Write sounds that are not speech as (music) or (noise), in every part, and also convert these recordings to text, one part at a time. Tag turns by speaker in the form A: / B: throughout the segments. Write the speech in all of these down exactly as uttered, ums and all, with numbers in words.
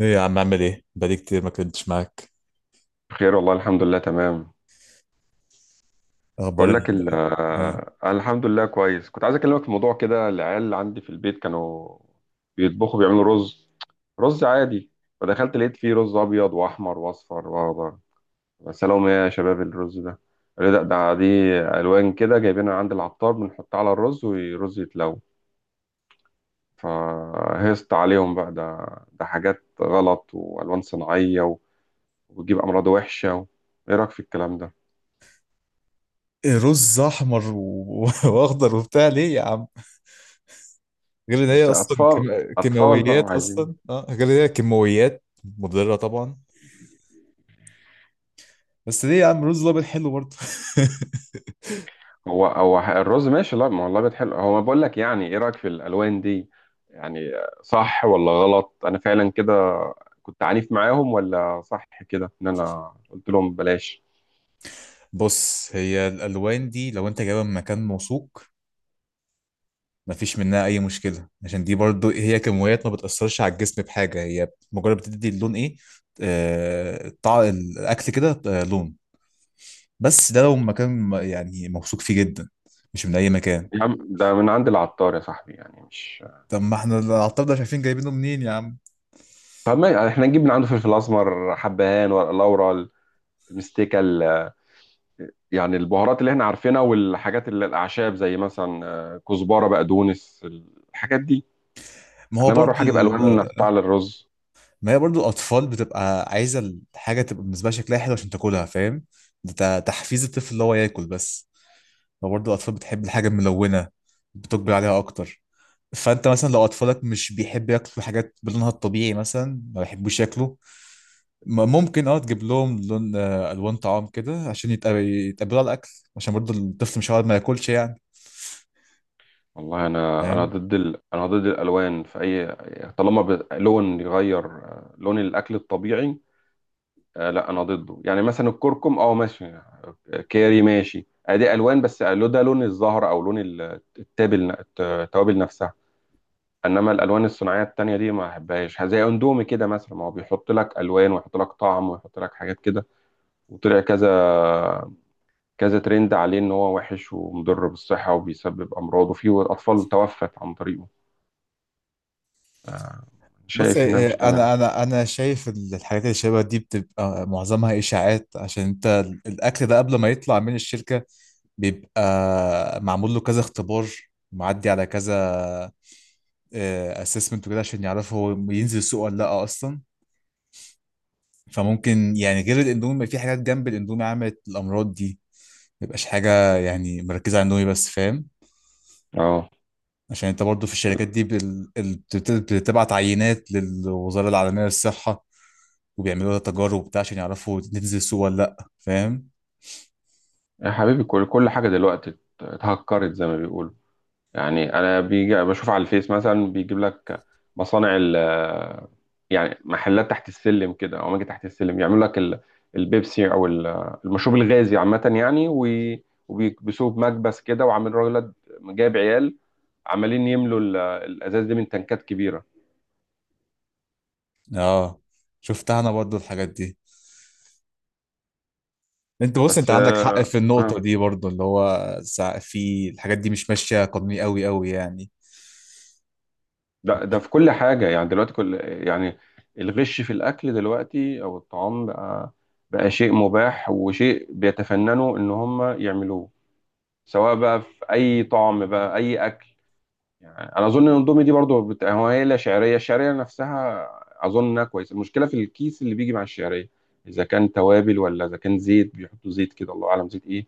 A: ايه يا عم، اعمل ايه؟ بقالي كتير ما كنتش معاك.
B: بخير، والله الحمد لله، تمام.
A: اخبار
B: بقول
A: ال
B: لك ال-
A: آه.
B: آه، الحمد لله كويس. كنت عايز اكلمك في موضوع كده. العيال عندي في البيت كانوا بيطبخوا، بيعملوا رز. رز عادي. فدخلت لقيت فيه رز ابيض واحمر واصفر واخضر. سلام يا شباب، الرز ده؟ قالوا لي ده ده دي الوان كده جايبينها عند العطار، بنحطها على الرز والرز يتلو. فهست عليهم بقى ده ده حاجات غلط والوان صناعيه و- وبتجيب امراض وحشه. ايه رايك في الكلام ده؟
A: إيه، رز احمر و... (laughs) واخضر وبتاع ليه يا عم؟ غير ان هي
B: مش
A: اصلا
B: اطفال
A: كيم...
B: اطفال بقى
A: كيماويات
B: وعايزين.
A: اصلا، اه غير ان هي كيماويات مضره طبعا. بس ليه يا عم؟ رز الابيض حلو برضه. (laughs)
B: هو هو الرز ماشي، لا ما هو اللبن حلو، هو بقول لك يعني ايه رايك في الالوان دي؟ يعني صح ولا غلط؟ انا فعلا كده، كنت عنيف معاهم ولا صح كده ان انا قلت لهم بلاش؟
A: بص، هي الالوان دي لو انت جايبها من مكان موثوق مفيش منها اي مشكله، عشان دي برضو هي كيماويات ما بتاثرش على الجسم بحاجه، هي مجرد بتدي اللون ايه آه... طع... الاكل كده آه... لون. بس ده لو مكان م- يعني موثوق فيه جدا، مش من اي مكان.
B: يا عم ده من عند العطار يا صاحبي، يعني مش...
A: طب ما احنا العطار ده شايفين جايبينه منين يا عم؟
B: طب ما احنا نجيب من عنده فلفل اسمر، حبهان، ورق لورا، المستيكه ال- يعني البهارات اللي احنا عارفينها والحاجات اللي الاعشاب، زي مثلا آه، كزبره، بقدونس، الحاجات دي.
A: ما هو
B: انما
A: برضو
B: اروح اجيب
A: ال...
B: الوان احطها على الرز؟
A: ما هي برضو الاطفال بتبقى عايزه الحاجه تبقى بالنسبه لها شكلها حلو عشان تاكلها، فاهم؟ ده ت- تحفيز الطفل اللي هو ياكل بس. فبرضو الاطفال بتحب الحاجه الملونه، بتقبل عليها اكتر. فانت مثلا لو اطفالك مش بيحب ياكلوا حاجات بلونها الطبيعي، مثلا ما بيحبوش ياكلوا، م- ممكن اه تجيب لهم لون، آه، الوان طعام كده عشان يتق- يتقبلوا على الاكل، عشان برضه الطفل مش هيقعد ما ياكلش يعني.
B: والله انا انا
A: فاهم؟
B: ضد ال... انا ضد الالوان في اي... طالما ب... لون يغير آه، لون الاكل الطبيعي. آه لا انا ضده، يعني مثلا الكركم اه ماشي، آه، كاري ماشي، ادي الوان. بس لو ده لون الزهر او لون ال- التابل، الت- التوابل نفسها. انما الالوان الصناعيه التانية دي ما احبهاش، زي اندومي كده مثلا، ما هو بيحط لك الوان، ويحط لك طعم، ويحط لك حاجات كده، وطلع كذا كذا ترند عليه ان هو وحش ومضر بالصحه وبيسبب امراض، وفي اطفال توفت عن طريقه. آه،
A: بص، آه،
B: شايف انها مش
A: آه،
B: تمام.
A: انا انا انا شايف ال- الحاجات اللي شبه دي بتبقى معظمها اشاعات، عشان انت ال- الاكل ده قبل ما يطلع من الشركه بيبقى معمول له كذا اختبار، معدي على كذا اسسمنت وكده، عشان يعرفوا هو ينزل السوق ولا لا اصلا. فممكن يعني غير الاندومي في حاجات جنب الاندومي عملت الامراض دي، ميبقاش حاجة يعني مركزة على النوي بس. فاهم؟
B: اه.
A: عشان انت برضو في الشركات دي بال... ال- بت- بتبعت عينات للوزارة العالمية للصحة، وبيعملوا لها تجارب وبتاع عشان يعرفوا تنزل السوق ولا لأ. فاهم؟
B: يا حبيبي كل كل حاجه دلوقتي ات- اتهكرت زي ما بيقولوا. يعني انا بيجي بشوف على الفيس مثلا بيجيب لك مصانع ال... يعني محلات تحت السلم كده او اماكن تحت السلم يعملوا لك ال- البيبسي او ال- المشروب الغازي عامه، يعني وي- وبيكبسوه بمكبس كده، وعامل راجل جايب عيال عمالين يملوا ال- الازاز دي من تنكات كبيره.
A: اه، شفتها انا برضو الحاجات دي. انت بص، انت
B: بس
A: عندك حق في
B: اه.
A: النقطة دي برضو، اللي هو سع- في الحاجات دي مش ماشية قانوني قوي قوي يعني.
B: ده ده في كل حاجة، يعني دلوقتي كل... يعني الغش في الأكل دلوقتي أو الطعام بقى، بقى شيء مباح، وشيء بيتفننوا إن هم يعملوه، سواء بقى في أي طعم بقى أي أكل. يعني أنا أظن إن الأندومي دي برضه بت... هو هي لا، شعرية، الشعرية نفسها أظن إنها كويسة. المشكلة في الكيس اللي بيجي مع الشعرية، إذا كان توابل ولا إذا كان زيت، بيحطوا زيت كده الله أعلم زيت إيه.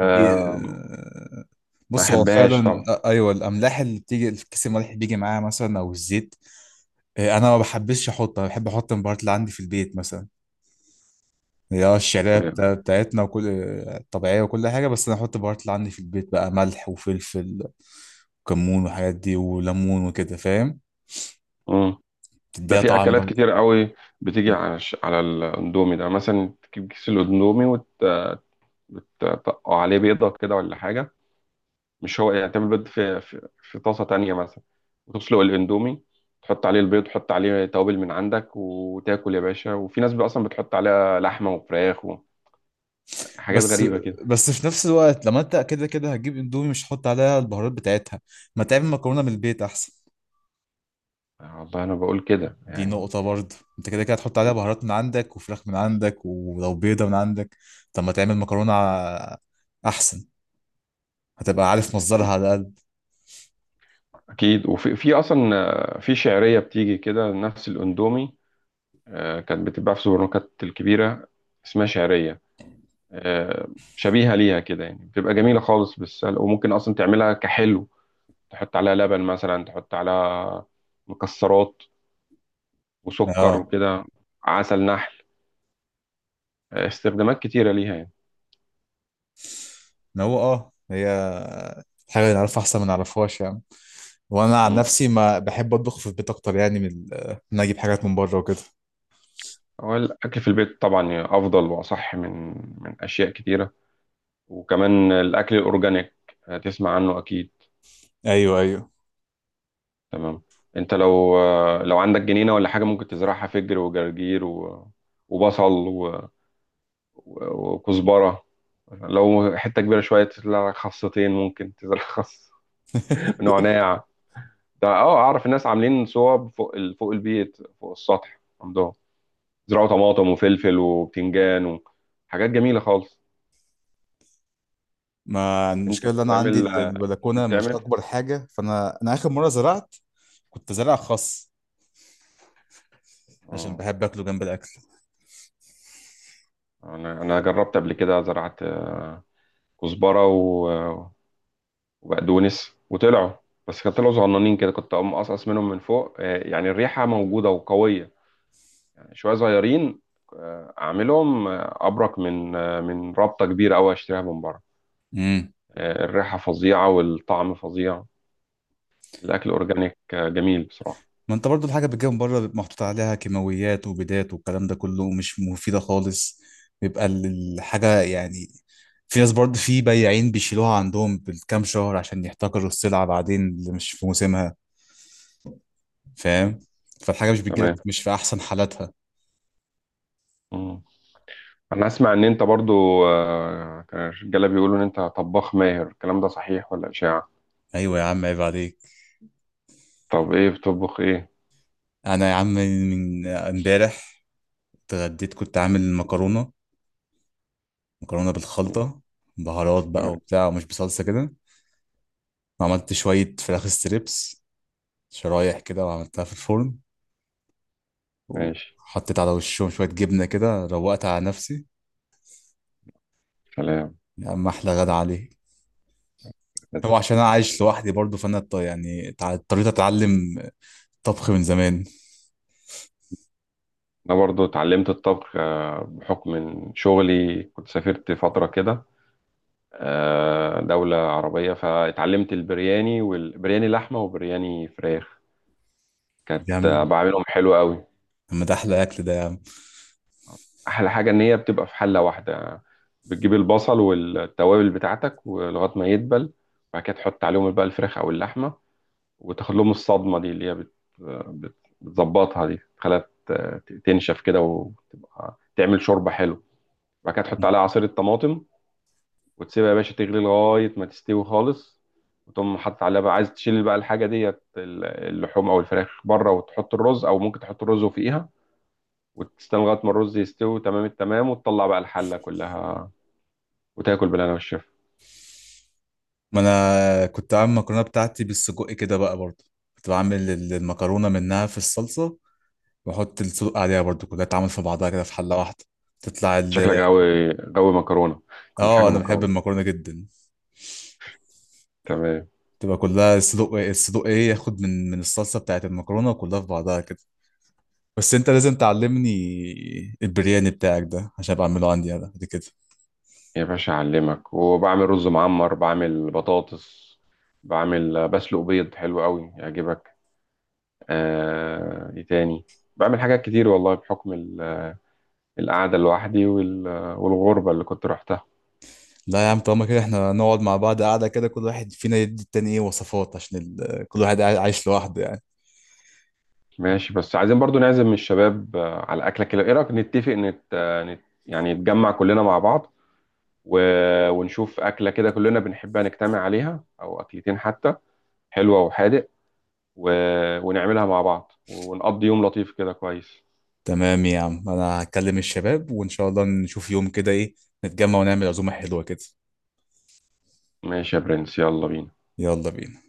A: دي آه،
B: ما
A: بص هو
B: أحبهاش
A: فعلا،
B: طبعا.
A: آه، ايوه، الاملاح اللي بتيجي الكيس، الملح اللي بيجي معاها مثلا او الزيت. إيه، انا ما بحبش احط، انا بحب احط البهارات اللي عندي في البيت مثلا. هي اه الشعريه بتا- بتاعتنا وكل آه، طبيعيه وكل حاجه، بس انا احط البهارات اللي عندي في البيت بقى ملح وفلفل وكمون والحاجات دي وليمون وكده، فاهم؟
B: طبعا. ده
A: تديها تمام
B: في
A: طعم
B: اكلات
A: برضه.
B: كتير قوي بتيجي على الش- على الاندومي ده، مثلا تجيب كيس الاندومي وتطقه عليه بيضه كده ولا حاجه، مش هو، يعني تعمل بيض في في, في طاسه تانية مثلا، وتسلق الاندومي، تحط عليه البيض، تحط عليه توابل من عندك، وتاكل يا باشا. وفي ناس بقى اصلا بتحط عليها لحمه وفراخ وحاجات
A: بس
B: غريبه كده.
A: بس في نفس الوقت لما انت كده كده هتجيب اندومي مش هتحط عليها البهارات بتاعتها، ما تعمل مكرونه من البيت احسن.
B: آه، والله انا بقول كده
A: دي
B: يعني.
A: نقطه برضه، انت كده كده هتحط عليها بهارات من عندك وفراخ من عندك ولو بيضه من عندك، طب ما تعمل مكرونه ع- احسن، هتبقى عارف مصدرها على الأقل.
B: اكيد. وفي في اصلا آه، في شعريه بتيجي كده نفس الاندومي، آه، كانت بتتباع في السوبر ماركت الكبيره، اسمها شعريه، آه، شبيهة ليها كده يعني، بتبقى جميلة خالص بالسلق، وممكن أصلا تعملها كحلو، تحط عليها لبن مثلا، تحط عليها مكسرات وسكر
A: اه،
B: وكده، عسل نحل. آه، استخدامات كتيرة ليها يعني.
A: ما هو اه هي حاجة نعرفها أحسن ما نعرفهاش يعني. وأنا عن
B: مم.
A: نفسي ما بحب أطبخ في البيت أكتر يعني، من ال- إن أنا أجيب حاجات من بره وكده.
B: هو الأكل في البيت طبعا أفضل وأصح من من أشياء كتيرة. وكمان الأكل الأورجانيك، آه، تسمع عنه أكيد.
A: أيوه، أيوه.
B: تمام. أنت لو آه، لو عندك جنينة ولا حاجة، ممكن تزرعها فجر وجرجير و- وبصل و- وكزبرة. لو حتة كبيرة شوية تزرع لك خاصتين، ممكن تزرع خاص. (laughs)
A: (laughs)
B: نعناع. ده اه اعرف الناس عاملين صوب فوق ال- فوق البيت، فوق السطح عندهم زرعوا طماطم وفلفل وبتنجان وحاجات جميلة خالص.
A: ما
B: انت
A: المشكلة، اللي أنا عندي
B: بتعمل،
A: ال- البلكونة
B: ممكن
A: مش
B: تعمل.
A: أكبر حاجة، فأنا أنا آخر مرة زرعت كنت زارع خس، عشان
B: اه،
A: بحب أكله جنب الأكل.
B: انا انا جربت قبل كده، زرعت كزبرة و- وبقدونس وطلعوا. بس كانوا طلعوا صغننين كده، كنت اقوم اقصقص منهم من فوق، آه، يعني الريحة موجودة وقوية، شويه صغيرين. آه، اعملهم آه، ابرك من آه، من رابطه كبيره قوي اشتريها من بره.
A: امم
B: آه، الريحه فظيعه والطعم فظيع. الاكل اورجانيك آه، جميل بصراحه.
A: ما انت برضو الحاجة بتجيب من بره بيبقى محطوط عليها كيماويات وبيدات والكلام ده كله مش مفيدة خالص، بيبقى ال- الحاجة يعني، في ناس برضو، في بياعين بيشيلوها عندهم بالكام شهر عشان يحتكروا السلعة بعدين اللي مش في موسمها،
B: مم.
A: فاهم؟ فالحاجة مش بتجيلك
B: تمام.
A: مش في أحسن حالاتها.
B: مم. انا اسمع ان انت برضو آه، كان الرجاله بيقولوا ان انت طباخ ماهر، الكلام ده صحيح ولا اشاعه؟
A: أيوة يا عم، عيب عليك.
B: طب ايه بتطبخ، ايه؟
A: أنا يا عم من امبارح اتغديت، كنت عامل مكرونة، مكرونة
B: مم.
A: بالخلطة، بهارات بقى
B: تمام.
A: وبتاع ومش بصلصة كده، وعملت شوية فراخ ستريبس، شرايح كده، وعملتها في الفرن،
B: ماشي.
A: وحطيت على وشهم شوية جبنة كده، روقت على نفسي.
B: سلام.
A: يا عم أحلى غدا عليه. هو عشان أنا عايش لوحدي برضه، فأنا ط- يعني تع- اضطريت أتعلم طبخ من زمان.
B: انا برضو اتعلمت الطبخ آه، بحكم من شغلي، كنت سافرت فتره كده آه، دولة عربية، فاتعلمت البرياني، والبرياني لحمة، وبرياني فراخ.
A: طب
B: كانت
A: يا
B: آه،
A: عم،
B: بعملهم حلو قوي.
A: طب ما ده أحلى أكل ده يا عم.
B: أحلى حاجة إن هي بتبقى في حلة واحدة، بتجيب البصل والتوابل بتاعتك ولغاية ما يدبل، وبعد كده تحط عليهم بقى الفراخ أو اللحمة، وتاخد لهم الصدمة دي، اللي هي بت- بت- بتظبطها دي، تخليها ت- تنشف كده، وتبقى تعمل شوربة حلو، وبعد كده تحط عليها عصير الطماطم، وتسيبها يا باشا تغلي لغاية ما تستوي خالص، وتقوم حاطط عليها بقى، عايز تشيل بقى الحاجة ديت، ال- اللحوم أو الفراخ بره، وتحط الرز، أو ممكن تحط الرز وفوقيها، وتستنى لغاية ما الرز يستوي تمام التمام، وتطلع بقى الحلة كلها، وتاكل بالهنا والشفا.
A: ما أنا كنت عامل المكرونة بتاعتي بالسجق كده بقى برضه، كنت بعمل ال- المكرونة منها في الصلصة، وأحط السجق عليها برضه، كلها تعمل في بعضها كده في حلة واحدة، تطلع ال
B: شكلك غاوي غاوي مكرونة، كل
A: آه،
B: حاجة
A: أنا بحب
B: مكرونة.
A: المكرونة جدا.
B: تمام.
A: تبقى كلها الصدوق الصدوق إيه، ياخد من من الصلصة بتاعت المكرونة وكلها في بعضها كده. بس انت لازم تعلمني البرياني بتاعك ده عشان ابقى اعمله عندي انا بعد كده.
B: يا باشا أعلمك، وبعمل رز معمر، بعمل بطاطس، بعمل بسلق بيض حلو قوي يعجبك. آه، إيه تاني؟ بعمل حاجات كتير والله، بحكم ال القعدة لوحدي، وال... والغربة اللي كنت روحتها.
A: لا يا عم، طالما كده احنا نقعد مع بعض قاعده كده كل واحد فينا يدي التاني ايه وصفات، عشان ال... آه، كل واحد قاعد- عايش لوحده يعني.
B: ماشي. بس عايزين برضو نعزم الشباب آه، على أكلة كده. إيه رأيك نتفق نت... آه، نت... يعني نتجمع كلنا مع بعض و... ونشوف أكلة كده كلنا بنحبها نجتمع عليها، أو أكلتين حتى، حلوة وحادق، و... ونعملها مع بعض ونقضي يوم لطيف كده كويس.
A: تمام يا عم، انا هكلم الشباب، وان شاء الله نشوف يوم كده ايه، نتجمع ونعمل عزومه حلوه كده.
B: ماشي يا برنس، يلا بينا.
A: يلا بينا.